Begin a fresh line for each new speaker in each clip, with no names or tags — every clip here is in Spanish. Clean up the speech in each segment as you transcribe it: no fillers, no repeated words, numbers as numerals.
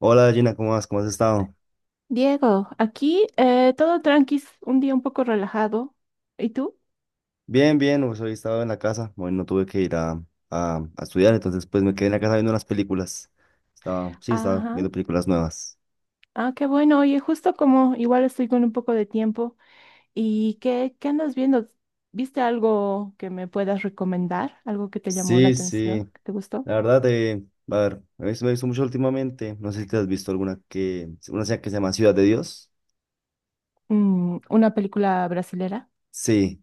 Hola Gina, ¿cómo vas? ¿Cómo has estado?
Diego, aquí todo tranqui, un día un poco relajado. ¿Y tú?
Bien, bien, pues hoy he estado en la casa, hoy no tuve que ir a estudiar, entonces pues me quedé en la casa viendo unas películas. Estaba, sí, estaba
Ajá.
viendo películas nuevas.
Ah, qué bueno. Oye, justo como igual estoy con un poco de tiempo. ¿Y qué andas viendo? ¿Viste algo que me puedas recomendar? ¿Algo que te llamó la
Sí, sí,
atención? ¿Que te gustó?
la verdad, a ver, me he visto mucho últimamente, no sé si te has visto una serie que se llama Ciudad de Dios.
Mm, ¿una película brasilera?
Sí,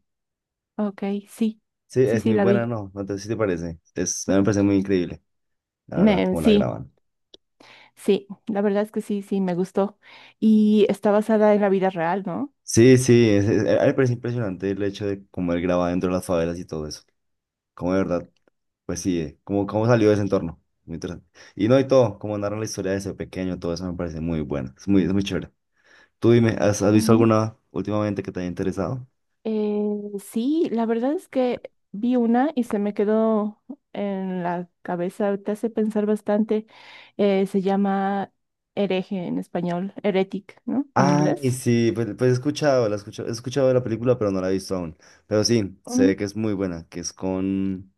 Ok, sí.
sí,
Sí,
es
sí,
muy
la
buena,
vi.
¿no? Sí te parece, a mí me parece muy increíble, la verdad, cómo la
Sí,
graban.
sí. La verdad es que sí, sí, me gustó. Y está basada en la vida real, ¿no?
Sí, sí, a mí me parece impresionante el hecho de cómo él graba dentro de las favelas y todo eso, como de verdad. Pues sí, eh, cómo salió de ese entorno. Muy interesante. Y no, y todo, cómo narran la historia de ese pequeño, todo eso me parece muy bueno. Es muy chévere. Tú dime, has visto alguna últimamente que te haya interesado?
Eh, sí, la verdad es que vi una y se me quedó en la cabeza, te hace pensar bastante. Se llama hereje en español, heretic, ¿no? En
Ay,
inglés.
sí, pues he escuchado, he escuchado de la película, pero no la he visto aún. Pero sí, se ve
Mm,
que es muy buena, que es con,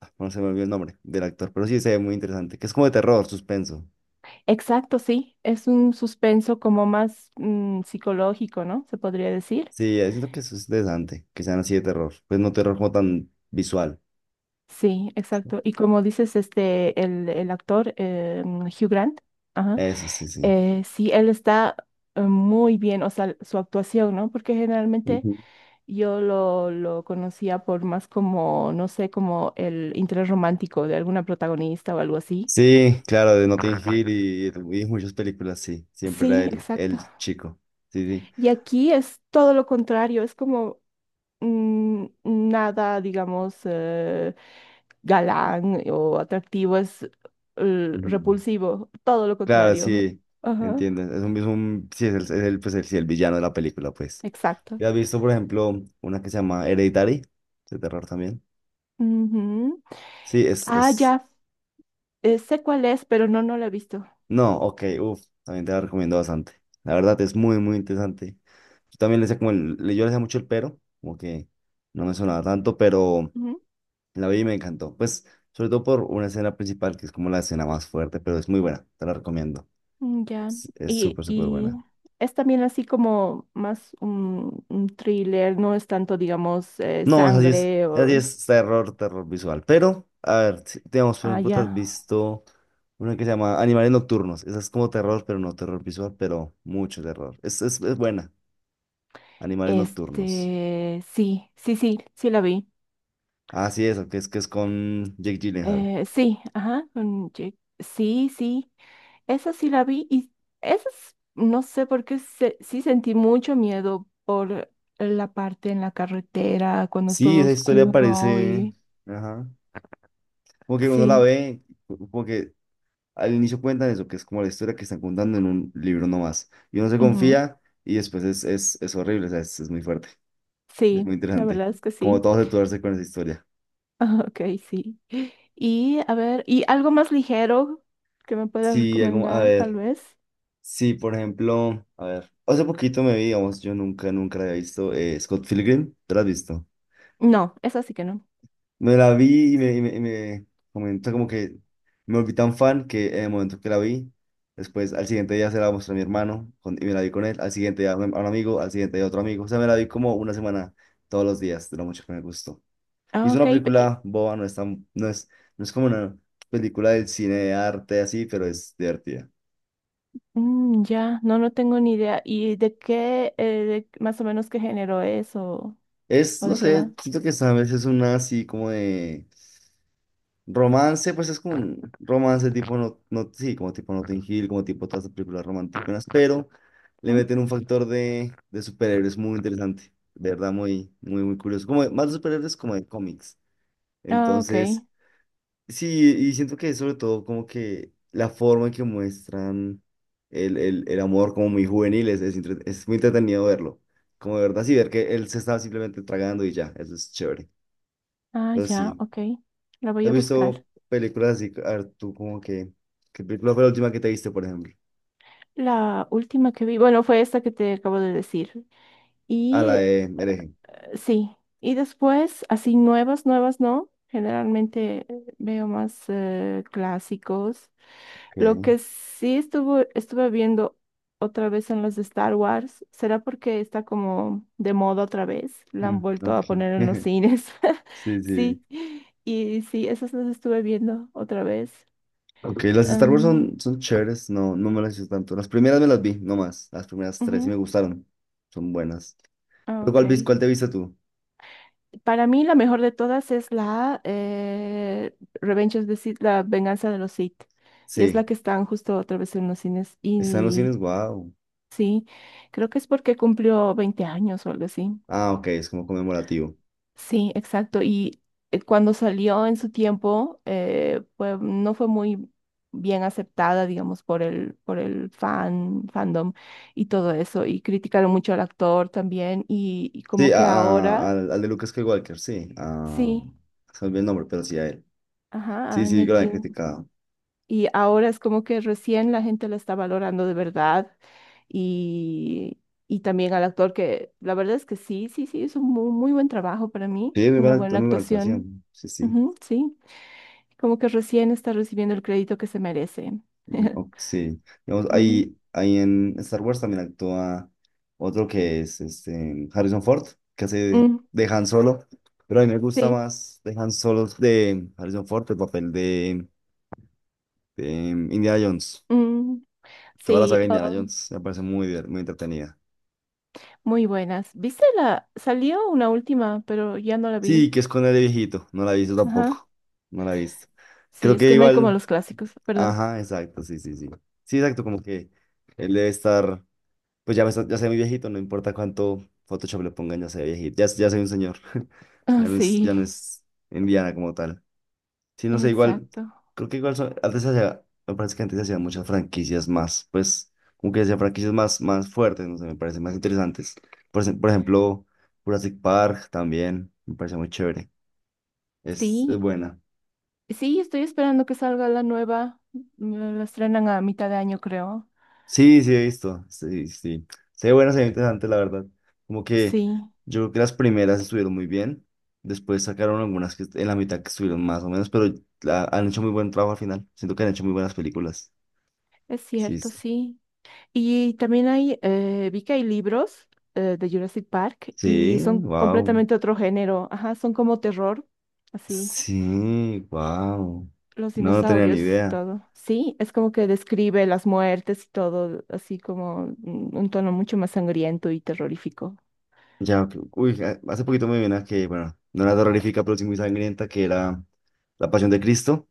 ah, no se me olvidó el nombre del actor, pero sí se ve muy interesante, que es como de terror, suspenso.
exacto, sí, es un suspenso como más mm, psicológico, ¿no? Se podría decir.
Sí, siento que eso es interesante, que sean así de terror, pues no terror como tan visual.
Sí, exacto. Y como dices, este, el actor Hugh Grant, ajá,
Eso sí,
sí, él está muy bien, o sea, su actuación, ¿no? Porque generalmente
sí.
yo lo conocía por más como, no sé, como el interés romántico de alguna protagonista o algo así.
Sí, claro, de Notting Hill y muchas películas, sí. Siempre era
Sí, exacto.
el chico. Sí, sí.
Y aquí es todo lo contrario, es como mm, nada, digamos, galán o atractivo, es
Ujú.
repulsivo, todo lo
Claro,
contrario.
sí,
Ajá,
entiendo. Es un- sí, es el, pues el, sí, el villano de la película, pues.
exacto.
¿Ya has visto, por ejemplo, una que se llama Hereditary? De terror también.
Ujú.
Sí,
Ah,
es...
ya, sé cuál es, pero no, no la he visto.
No, ok, uff, también te la recomiendo bastante. La verdad es muy, muy interesante. Yo también le sé como el... le- Yo le sé mucho el pero, como que no me sonaba tanto, pero... La vi y me encantó. Pues, sobre todo por una escena principal que es como la escena más fuerte, pero es muy buena. Te la recomiendo.
Mm, ya,
Es súper, súper
y
buena.
es también así como más un thriller, no es tanto, digamos,
No, así es.
sangre
Así
o...
es terror, terror visual. Pero, a ver, si- digamos, por
Ah,
ejemplo, te
ya.
has visto una que se llama Animales Nocturnos. Esa es como terror, pero no terror visual, pero mucho terror. Es buena. Animales Nocturnos.
Este, sí, sí, sí, sí la vi.
Ah sí es, que es con Jake Gyllenhaal.
Sí, ajá, sí, sí, esa sí la vi y no sé sí sentí mucho miedo por la parte en la carretera, cuando es
Sí,
todo
esa historia
oscuro
parece.
y...
Ajá. Como que uno la
Sí,
ve, como que al inicio cuentan eso, que es como la historia que están contando en un libro nomás. Y uno se
ujú,
confía y después es horrible, o sea, es muy fuerte, es
sí,
muy
la
interesante.
verdad es que
Como
sí.
todos torce con esa historia.
Ok, sí. Y a ver, ¿y algo más ligero que me puedas
Sí, algo- a
recomendar, tal
ver,
vez?
sí, por ejemplo, a ver, hace poquito me vi, digamos, yo nunca, nunca la había visto, Scott Pilgrim, ¿te la has visto?
No, eso sí que no.
Me la vi y me comentó como que me volví tan fan que en el momento que la vi, después al siguiente día se la mostré a mi hermano con- y me la vi con él, al siguiente día a un amigo, al siguiente día a otro amigo. O sea, me la vi como una semana todos los días, de lo mucho que me gustó. Y
Ah,
es
ok,
una película boba, no es tan- no es, no es como una película del cine de arte así, pero es divertida.
mm, ya, no, no tengo ni idea. ¿Y de qué, más o menos qué género es
Es,
o
no
de qué va?
sé, siento que esta vez es una así como de romance, pues es como un romance tipo, no, no, sí, como tipo Notting Hill, como tipo todas las películas románticas, pero le
¿Mm?
meten un factor de superhéroes muy interesante, de verdad, muy, muy, muy curioso. Como de- más de superhéroes como de cómics.
Ah, ok.
Entonces, sí, y siento que sobre todo como que la forma en que muestran el amor como muy juvenil es muy entretenido verlo. Como de verdad, sí, ver que él se estaba simplemente tragando y ya, eso es chévere.
Ah,
Pero
ya,
sí.
ok. La voy
¿Has
a buscar.
visto películas así? A ver, tú como que... ¿Qué película fue la última que te viste, por ejemplo?
La última que vi, bueno, fue esta que te acabo de decir.
Ah,
Y
la de Hereje.
sí, y después, así nuevas, nuevas, ¿no? Generalmente veo más clásicos. Lo
Ok.
que sí estuve viendo otra vez en los de Star Wars, ¿será porque está como de moda otra vez? La han
Mm,
vuelto
ok.
a poner en los cines.
Sí, sí.
Sí, y sí, esas las estuve viendo otra vez.
Ok, las Star Wars
Em,
son chéveres. No, no me las hice tanto. Las primeras me las vi, no más. Las primeras tres sí me
ujú,
gustaron. Son buenas.
ah,
¿Pero
ok.
cuál, vis- cuál te viste tú?
Para mí la mejor de todas es la Revenge of the Sith, la venganza de los Sith. Y es la
Sí.
que están justo otra vez en los cines.
Está en los
Y
cines, wow.
sí, creo que es porque cumplió 20 años o algo así.
Ah, ok, es como conmemorativo.
Sí, exacto. Y cuando salió en su tiempo, no fue muy bien aceptada, digamos, por por el fan, fandom y todo eso. Y criticaron mucho al actor también. Y
Sí,
como que ahora,
al de Lucas Skywalker, sí. Ah,
sí,
se me olvidó el nombre, pero sí a él.
ajá, a
Sí, sí, que lo habían
Anakin.
criticado.
Y ahora es como que recién la gente la está valorando de verdad. Y, y también al actor que la verdad es que sí, sí, sí, es un muy, muy buen trabajo para mí,
Sí, muy
una
buena, act-
buena
muy buena
actuación.
actuación. Sí, sí.
Ujú, sí, como que recién está recibiendo el crédito que se merece.
Ok, sí. Digamos,
Ujú.
ahí en Star Wars también actúa otro que es este, Harrison Ford, que hace
Mm,
de Han Solo. Pero a mí me gusta
sí,
más de Han Solo de Harrison Ford, el papel de Indiana Jones.
mm,
Toda la saga
sí,
de Indiana
oh,
Jones me parece muy, diver- muy entretenida.
muy buenas. ¿Viste la? Salió una última, pero ya no la
Sí,
vi.
que es con el de viejito. No la he visto
Ajá.
tampoco. No la he visto.
Sí,
Creo
es
que
que no hay como
igual.
los clásicos, perdón.
Ajá, exacto, sí, sí, sí. Sí, exacto, como que él debe estar. Pues ya, me está- ya soy muy viejito, no importa cuánto Photoshop le pongan, ya soy viejito, ya soy un señor.
Ah, sí,
Ya no es Indiana como tal. Sí, no sé, igual,
exacto.
creo que igual son- antes se hacía, me parece que antes se hacían muchas franquicias más, pues, como que se hacían franquicias más, más fuertes, no sé, me parecen más interesantes. Por, ej- por ejemplo, Jurassic Park también, me parece muy chévere, es
Sí,
buena.
sí, estoy esperando que salga la nueva. Mm, la estrenan a mitad de año, creo.
Sí, sí, he visto. Sí, sí. Se ve bueno, se ve interesante, la verdad. Como que
Sí,
yo creo que las primeras estuvieron muy bien. Después sacaron algunas que en la mitad que estuvieron más o menos, pero la- han hecho muy buen trabajo al final. Siento que han hecho muy buenas películas.
es
Sí,
cierto,
s-
sí. Y también hay, vi que hay libros de Jurassic Park y
sí,
son
wow.
completamente otro género. Ajá, son como terror, así.
Sí, wow.
Los
No, no tenía ni
dinosaurios,
idea.
todo. Sí, es como que describe las muertes y todo, así como mm, un tono mucho más sangriento y terrorífico.
Ya, ok, uy, a- hace poquito me vi una que, bueno, no era terrorífica, pero sí muy sangrienta, que era La Pasión de Cristo.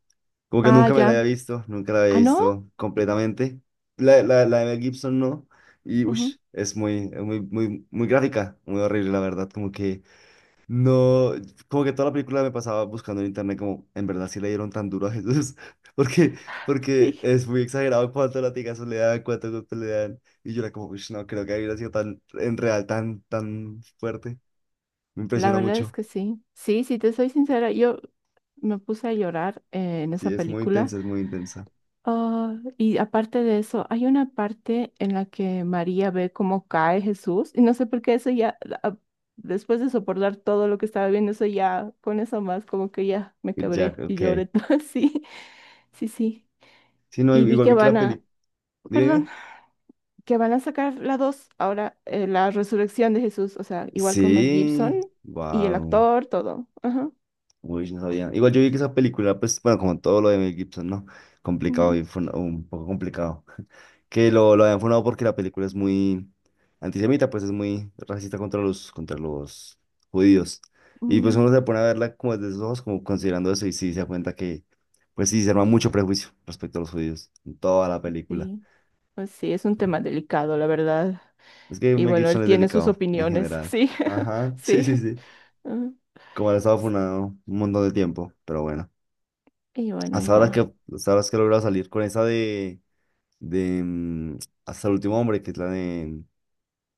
Como que
Ah,
nunca me la
ya.
había visto, nunca la había
Ah, no.
visto completamente. La de Mel Gibson no. Y
Ujú,
ush, es muy, muy, muy gráfica, muy horrible, la verdad. Como que no, como que toda la película me pasaba buscando en internet, como en verdad sí le dieron tan duro a Jesús. Porque, porque
sí.
es muy exagerado cuántos latigazos le dan, cuántos golpes le dan. Y yo era como, ush, no creo que hubiera sido tan, en real, tan fuerte. Me
La
impresiona
verdad es
mucho.
que sí. Sí, si te soy sincera, yo me puse a llorar en esa
Sí, es muy
película.
intensa, es muy intensa.
Ah, y aparte de eso, hay una parte en la que María ve cómo cae Jesús. Y no sé por qué eso ya, ah, después de soportar todo lo que estaba viendo, eso ya, con eso más, como que ya me
Y Jack,
quebré y
ok.
lloré. Sí, sí, sí.
Sí, no,
Y vi
igual
que
vi que
van
la
a,
película.
perdón, que van a sacar la 2 ahora, la resurrección de Jesús. O sea, igual con Mel Gibson
Sí,
y el
wow.
actor, todo. Ajá.
Uy, no sabía. Igual yo vi que esa película, pues, bueno, como todo lo de Mel Gibson, ¿no? Complicado,
Ujú.
y fue un poco complicado. Lo habían funado porque la película es muy antisemita, pues es muy racista contra contra los judíos. Y pues uno se
Mm,
pone a verla como desde sus ojos, como considerando eso, y sí se da cuenta que, pues sí, se arma mucho prejuicio respecto a los judíos en toda la película.
sí, pues sí, es un tema delicado, la verdad.
Es que
Y
Mel
bueno, él
Gibson es
tiene sus
delicado en
opiniones,
general.
sí,
Ajá, sí,
sí.
sí, sí.
Ah,
Como él ha estado
s-
funado un montón de tiempo, pero bueno.
y bueno, ahí
Hasta ahora que,
va.
hasta ahora es que he logrado salir con esa de Hasta el último hombre, que es la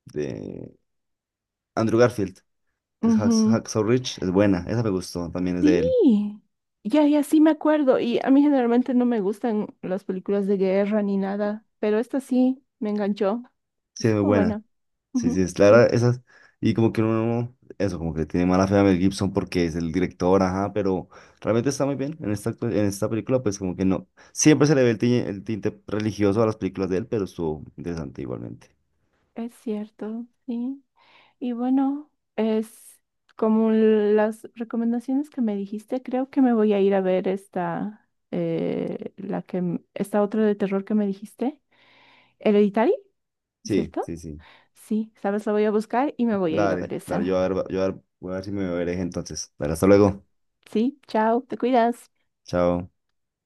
de Andrew Garfield, que es
Ujú,
Hacksaw Ridge, es buena, esa me gustó, también es
sí,
de él,
ya, ya sí me acuerdo. Y a mí generalmente no me gustan las películas de guerra ni nada, pero esta sí me enganchó.
sí, es muy
Estuvo
buena,
buena.
sí, sí,
Ujú,
es clara,
sí,
esas, y como que uno, eso, como que le tiene mala fe a Mel Gibson porque es el director, ajá, pero realmente está muy bien en esta, actu- en esta película, pues como que no, siempre se le ve el tinte religioso a las películas de él, pero estuvo interesante igualmente,
es cierto, sí. Y bueno, es como las recomendaciones que me dijiste, creo que me voy a ir a ver esta, la que, esta otra de terror que me dijiste, Hereditary,
sí,
¿cierto?
sí, sí.
Sí, sabes, la voy a buscar y me voy a ir a
Dale,
ver
dale,
esa.
yo a ver, voy a ver si me veréis entonces. Dale, hasta luego.
Sí, chao, te cuidas.
Chao.